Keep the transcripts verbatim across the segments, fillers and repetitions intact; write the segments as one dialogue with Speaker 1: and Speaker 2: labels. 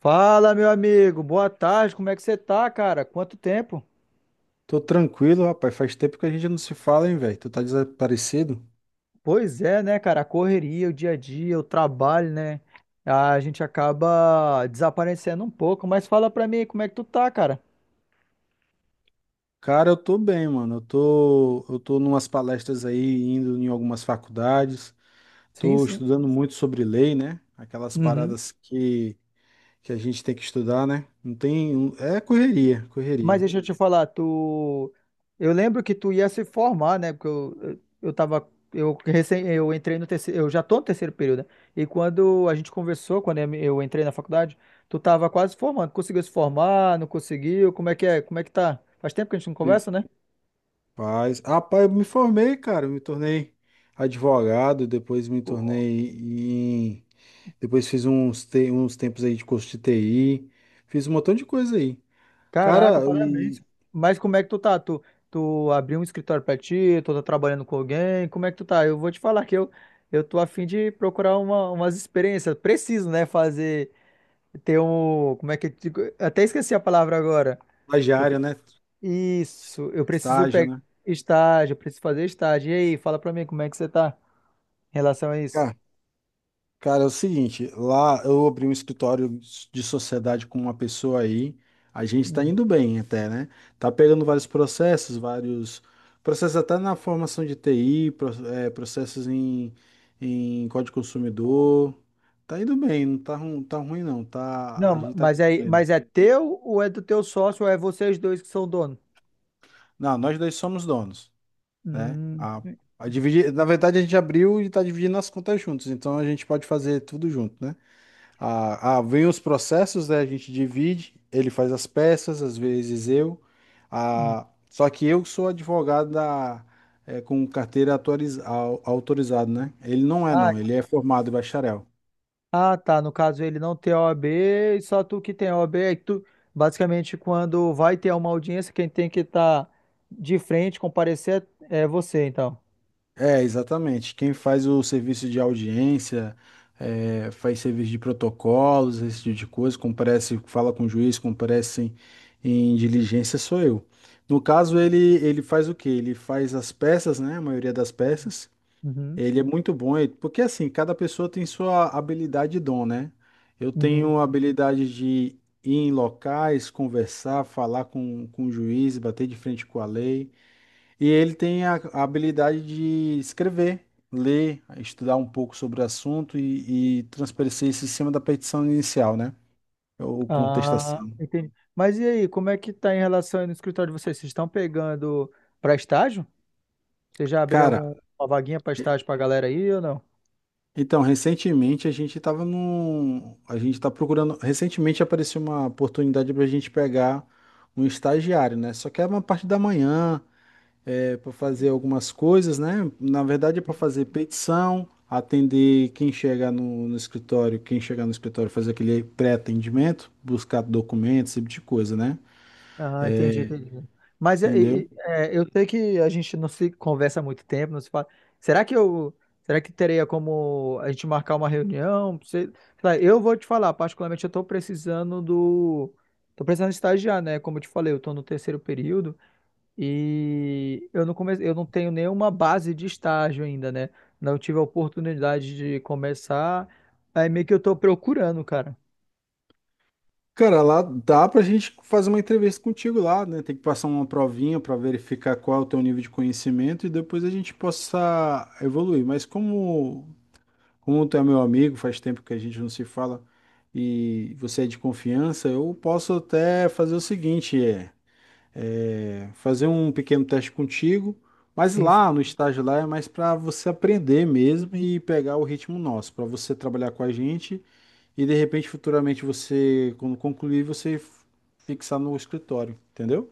Speaker 1: Fala, meu amigo. Boa tarde. Como é que você tá, cara? Quanto tempo?
Speaker 2: Tô tranquilo, rapaz. Faz tempo que a gente não se fala, hein, velho? Tu tá desaparecido?
Speaker 1: Pois é, né, cara? A correria, o dia a dia, o trabalho, né? A gente acaba desaparecendo um pouco. Mas fala pra mim, como é que tu tá, cara?
Speaker 2: Cara, eu tô bem, mano. Eu tô, eu tô numas palestras aí, indo em algumas faculdades.
Speaker 1: Sim,
Speaker 2: Tô
Speaker 1: sim.
Speaker 2: estudando muito sobre lei, né? Aquelas
Speaker 1: Uhum.
Speaker 2: paradas que, que a gente tem que estudar, né? Não tem. É correria,
Speaker 1: Mas
Speaker 2: correria.
Speaker 1: deixa eu te falar, tu. Eu lembro que tu ia se formar, né? Porque eu, eu, eu tava. Eu, recém, eu entrei no terceiro. Eu já tô no terceiro período, né? E quando a gente conversou, quando eu eu entrei na faculdade, tu tava quase formando. Conseguiu se formar? Não conseguiu? Como é que é? Como é que tá? Faz tempo que a gente não
Speaker 2: E-
Speaker 1: conversa, né?
Speaker 2: Rapaz, ah, pai, eu me formei, cara. Eu me tornei advogado, depois me tornei em. Depois fiz uns, te... uns tempos aí de curso de T I. Fiz um montão de coisa aí.
Speaker 1: Caraca,
Speaker 2: Cara,
Speaker 1: parabéns.
Speaker 2: e
Speaker 1: Mas como é que tu tá? Tu, tu abriu um escritório pra ti? Tu tá trabalhando com alguém? Como é que tu tá? Eu vou te falar que eu, eu tô a fim de procurar uma, umas experiências. Preciso, né? Fazer. Tem um. Como é que eu digo? Até esqueci a palavra agora. Eu-
Speaker 2: Estagiário, né?
Speaker 1: isso, eu preciso
Speaker 2: Estágio,
Speaker 1: pegar
Speaker 2: né?
Speaker 1: estágio, eu preciso fazer estágio. E aí, fala pra mim como é que você tá em relação a isso?
Speaker 2: Cara, cara, é o seguinte, lá eu abri um escritório de sociedade com uma pessoa aí, a gente tá
Speaker 1: Uhum.
Speaker 2: indo bem até, né? Tá pegando vários processos, vários processos até na formação de T I, pro- é, processos em, em código consumidor. Tá indo bem, não tá, ru- tá ruim não, tá,
Speaker 1: Não,
Speaker 2: a
Speaker 1: ma-
Speaker 2: gente tá
Speaker 1: mas é,
Speaker 2: conseguindo.
Speaker 1: mas é teu ou é do teu sócio ou é vocês dois que são dono?
Speaker 2: Não, nós dois somos donos. Né?
Speaker 1: Hum,
Speaker 2: A, a dividir, na verdade, a gente abriu e está dividindo as contas juntos, então a gente pode fazer tudo junto, né? A, a, vem os processos, né? A gente divide, ele faz as peças, às vezes eu.
Speaker 1: hum.
Speaker 2: A, só que eu sou advogado da, é, com carteira autoriz, au- autorizado, né? Ele não é,
Speaker 1: Ah,
Speaker 2: não, ele é formado em bacharel.
Speaker 1: ah, tá. No caso, ele não tem o OAB, e só tu que tem o OAB. Aí tu, basicamente, quando vai ter uma audiência, quem tem que estar de frente, comparecer, é você, então.
Speaker 2: É, exatamente. Quem faz o serviço de audiência, é, faz serviço de protocolos, esse tipo de coisa, comparece, fala com o juiz, comparece em, em diligência, sou eu. No caso, ele, ele faz o quê? Ele faz as peças, né? A maioria das peças.
Speaker 1: Uhum,
Speaker 2: Ele é muito bom, ele- porque assim, cada pessoa tem sua habilidade e dom, né? Eu
Speaker 1: uhum.
Speaker 2: tenho a habilidade de ir em locais, conversar, falar com, com o juiz, bater de frente com a lei. E ele tem a, a habilidade de escrever, ler, estudar um pouco sobre o assunto e, e transparecer isso em cima da petição inicial, né? Ou
Speaker 1: Ah,
Speaker 2: contestação.
Speaker 1: entendi. Mas e aí, como é que tá em relação aí no escritório de vocês? Vocês estão pegando para estágio? Você já abriu
Speaker 2: Cara,
Speaker 1: alguma vaguinha para estágio para galera aí ou não?
Speaker 2: então, recentemente a gente estava num. A gente está procurando. Recentemente apareceu uma oportunidade para a gente pegar um estagiário, né? Só que é uma parte da manhã. É, para fazer algumas coisas, né? Na verdade, é para fazer petição, atender quem chegar no, no escritório, quem chegar no escritório fazer aquele pré-atendimento, buscar documentos, esse tipo de coisa, né?
Speaker 1: Ah, entendi, entendi. Mas é, e-
Speaker 2: Entendeu?
Speaker 1: e- é, eu sei que a gente não se conversa há muito tempo, não se fala. Será que eu, será que teria como a gente marcar uma reunião? Você- sei lá, eu vou te falar, particularmente eu estou precisando do, tô precisando estagiar, né? Como eu te falei, eu estou no terceiro período. E eu não comecei, eu não tenho nenhuma base de estágio ainda, né? Não tive a oportunidade de começar. Aí meio que eu tô procurando, cara.
Speaker 2: Cara, lá dá pra gente fazer uma entrevista contigo lá, né? Tem que passar uma provinha para verificar qual é o teu nível de conhecimento e depois a gente possa evoluir. Mas como, como tu é meu amigo, faz tempo que a gente não se fala e você é de confiança, eu posso até fazer o seguinte, é. é, fazer um pequeno teste contigo, mas
Speaker 1: Sim, sim.
Speaker 2: lá no estágio lá é mais para você aprender mesmo e pegar o ritmo nosso, para você trabalhar com a gente e de repente futuramente você, quando concluir, você f- fixar no escritório, entendeu?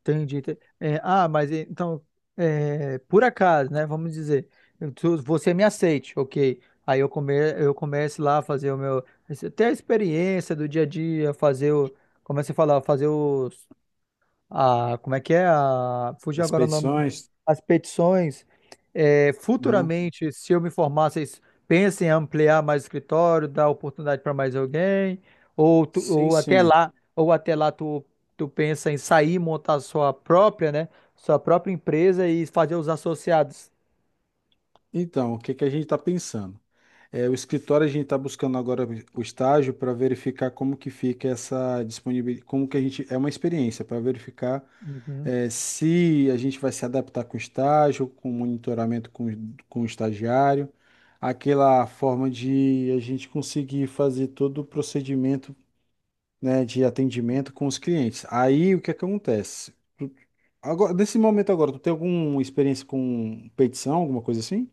Speaker 1: Entendi. Te- é, ah, mas e- então, é, por acaso, né? Vamos dizer, eu- tu- você me aceite, ok. Aí eu, come, eu começo lá a fazer o meu. Ter a experiência do dia a dia, fazer o. Como é que você fala? Fazer os. A, como é que é? A, fugiu
Speaker 2: Das
Speaker 1: agora o nome.
Speaker 2: petições.
Speaker 1: As petições. É,
Speaker 2: Uhum.
Speaker 1: futuramente, se eu me formar, vocês pensem em ampliar mais o escritório, dar oportunidade para mais alguém, ou, tu-
Speaker 2: Sim,
Speaker 1: ou até
Speaker 2: sim.
Speaker 1: lá, ou até lá tu, tu pensa em sair, montar sua própria, né? Sua própria empresa e fazer os associados.
Speaker 2: Então, o que que a gente está pensando? É, o escritório a gente está buscando agora o estágio para verificar como que fica essa disponibilidade, como que a gente, é uma experiência para verificar
Speaker 1: Uhum.
Speaker 2: eh, se a gente vai se adaptar com o estágio, com o monitoramento com, o- com o estagiário, aquela forma de a gente conseguir fazer todo o procedimento, né, de atendimento com os clientes. Aí o que é que acontece? Agora, nesse momento agora, tu tem alguma experiência com petição, alguma coisa assim?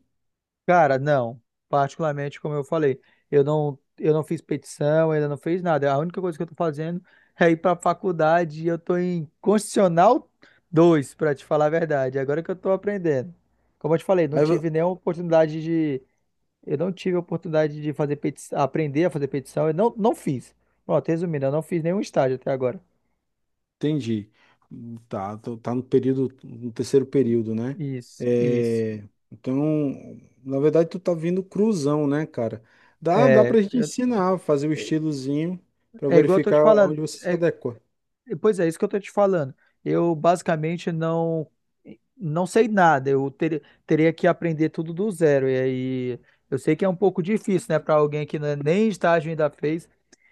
Speaker 1: Cara, não. Particularmente, como eu falei, eu não, eu não fiz petição, ainda não fiz nada. A única coisa que eu tô fazendo é ir pra faculdade e eu tô em Constitucional dois, pra te falar a verdade. Agora que eu tô aprendendo. Como eu te falei, não tive nenhuma oportunidade de. Eu não tive a oportunidade de fazer petição, aprender a fazer petição. Eu não, não fiz. Pronto, resumindo, eu não fiz nenhum estágio até agora.
Speaker 2: Entendi. Tá, tô- tá no período, no terceiro período, né?
Speaker 1: Isso, isso.
Speaker 2: É, então, na verdade, tu tá vindo cruzão, né, cara? Dá, dá
Speaker 1: É,
Speaker 2: pra gente
Speaker 1: eu-
Speaker 2: ensinar, fazer o estilozinho pra
Speaker 1: é igual eu tô te
Speaker 2: verificar
Speaker 1: falando.
Speaker 2: onde você se
Speaker 1: é
Speaker 2: adequa.
Speaker 1: Pois é, isso que eu tô te falando. Eu basicamente não não sei nada. Eu ter- teria que aprender tudo do zero. E aí eu sei que é um pouco difícil, né, para alguém que né, nem estágio ainda fez.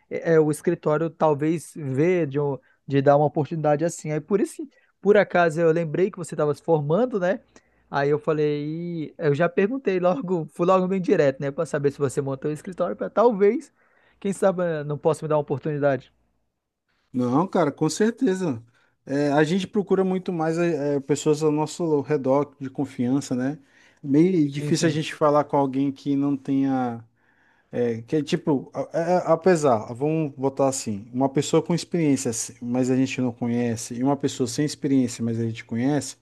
Speaker 1: É, é, o escritório talvez vê de, um- de dar uma oportunidade assim. Aí por isso, por acaso eu lembrei que você estava se formando, né? Aí eu falei, "Ih", eu já perguntei logo, fui logo bem direto, né, para saber se você montou o escritório para talvez, quem sabe, eh, não possa me dar uma oportunidade.
Speaker 2: Não, cara, com certeza. É, a gente procura muito mais é, é, pessoas ao nosso redor de confiança, né? Meio
Speaker 1: Sim,
Speaker 2: difícil a gente falar com alguém que não tenha. É, que é tipo, a- a- apesar, vamos botar assim, uma pessoa com experiência, se- mas a gente não conhece, e uma pessoa sem experiência, mas a gente conhece,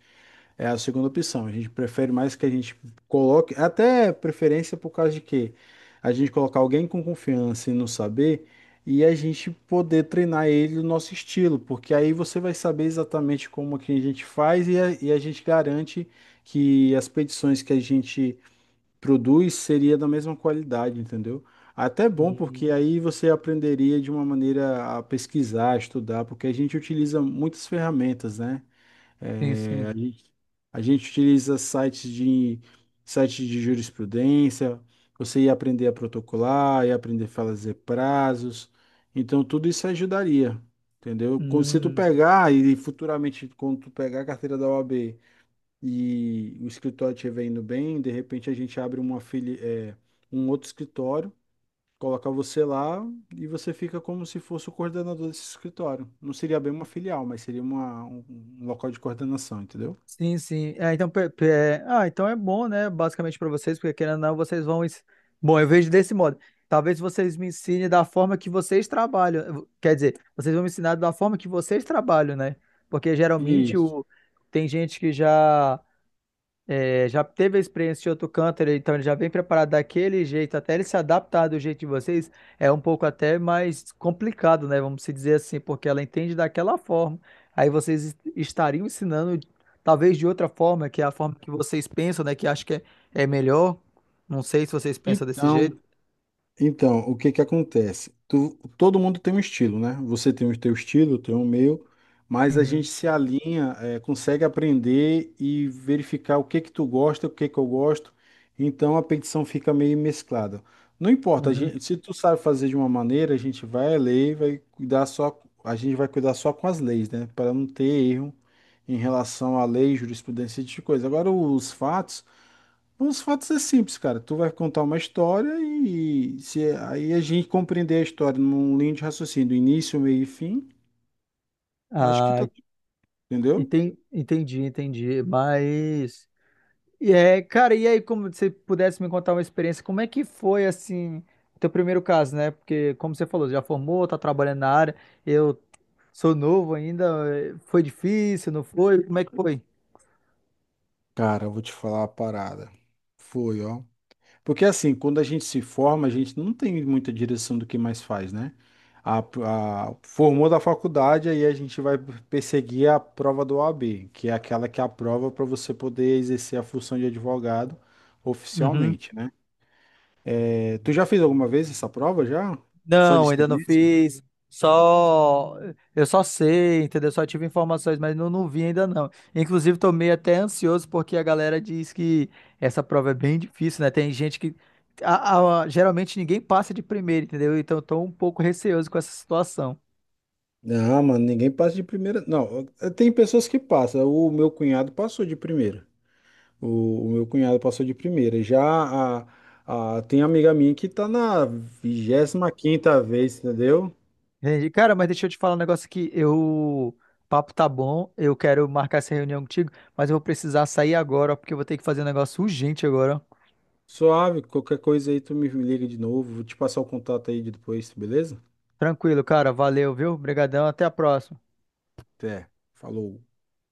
Speaker 2: é a segunda opção. A gente prefere mais que a gente coloque, até preferência por causa de quê? A gente colocar alguém com confiança e não saber, e a gente poder treinar ele no nosso estilo, porque aí você vai saber exatamente como que a gente faz e a, e a gente garante que as petições que a gente produz seria da mesma qualidade, entendeu? Até é bom,
Speaker 1: sim.
Speaker 2: porque aí você aprenderia de uma maneira a pesquisar, estudar, porque a gente utiliza muitas ferramentas, né?
Speaker 1: Sim,
Speaker 2: É,
Speaker 1: sim.
Speaker 2: a gente, a gente utiliza sites de, sites de jurisprudência, você ia aprender a protocolar, ia aprender a fazer prazos, então tudo isso ajudaria, entendeu? Com- Se tu
Speaker 1: Hum,
Speaker 2: pegar e futuramente, quando tu pegar a carteira da O A B, e o escritório estiver indo bem, de repente a gente abre uma fili é, um outro escritório, coloca você lá e você fica como se fosse o coordenador desse escritório. Não seria bem uma filial, mas seria uma, um, um local de coordenação, entendeu?
Speaker 1: sim, sim. É, então, pe- pe- é, ah, então é bom, né? Basicamente para vocês, porque querendo ou não, vocês vão. ens- Bom, eu vejo desse modo. Talvez vocês me ensinem da forma que vocês trabalham. Eu- Quer dizer, vocês vão me ensinar da forma que vocês trabalham, né? Porque geralmente
Speaker 2: Isso.
Speaker 1: o... tem gente que já. É, já teve a experiência de outro canto, ele- então ele já vem preparado daquele jeito, até ele se adaptar do jeito de vocês, é um pouco até mais complicado, né? Vamos se dizer assim, porque ela entende daquela forma. Aí vocês est- estariam ensinando, talvez de outra forma, que é a forma que vocês pensam, né? Que acho que é, é melhor. Não sei se vocês pensam desse
Speaker 2: Então,
Speaker 1: jeito.
Speaker 2: Então, o que que acontece? Tu- todo mundo tem um estilo, né? Você tem o teu estilo, eu tenho o meu, mas a gente
Speaker 1: Uhum,
Speaker 2: se alinha, é, consegue aprender e verificar o que que tu gosta, o que que eu gosto. Então a petição fica meio mesclada. Não importa, a
Speaker 1: uhum.
Speaker 2: gente- se tu sabe fazer de uma maneira, a gente vai ler, e vai cuidar só, a gente vai cuidar só com as leis, né? Para não ter erro em relação à lei, jurisprudência e tipo de coisa. Agora os fatos os fatos é simples, cara. Tu vai contar uma história e se aí a gente compreender a história num linha de raciocínio, do início, meio e fim, acho que
Speaker 1: Ah,
Speaker 2: tá, entendeu?
Speaker 1: enten- entendi, entendi. Mas. E é, cara, e aí, como você pudesse me contar uma experiência, como é que foi, assim, o teu primeiro caso, né? Porque, como você falou, já formou, tá trabalhando na área, eu sou novo ainda, eh, foi difícil, não foi? Como é que foi?
Speaker 2: Cara, eu vou te falar a parada. Foi, ó. Porque assim, quando a gente se forma, a gente não tem muita direção do que mais faz, né? A, a- formou da faculdade, aí a gente vai perseguir a prova do O A B, que é aquela que é a prova para você poder exercer a função de advogado oficialmente, né? É, tu já fez alguma vez essa prova já? Só de
Speaker 1: Não, ainda não
Speaker 2: experiência?
Speaker 1: fiz. Só eu só sei, entendeu? Só tive informações, mas não, não vi ainda não. Inclusive, tô meio até ansioso porque a galera diz que essa prova é bem difícil, né? Tem gente que a- a- geralmente ninguém passa de primeiro, entendeu? Então, eu tô um pouco receoso com essa situação.
Speaker 2: Não, mano, ninguém passa de primeira. Não, eh, tem pessoas que passam. O meu cunhado passou de primeira. O, o meu cunhado passou de primeira. Já a, a- tem amiga minha que tá na vigésima quinta vez, entendeu?
Speaker 1: Entendi. Cara, mas deixa eu te falar um negócio aqui. Eu, o papo tá bom, eu quero marcar essa reunião contigo, mas eu vou precisar sair agora, ó, porque eu vou ter que fazer um negócio urgente agora.
Speaker 2: Suave, qualquer coisa aí tu me liga de novo. Vou te passar o contato aí de depois, beleza?
Speaker 1: Tranquilo, cara. Valeu, viu? Obrigadão, até a próxima.
Speaker 2: Até. Falou.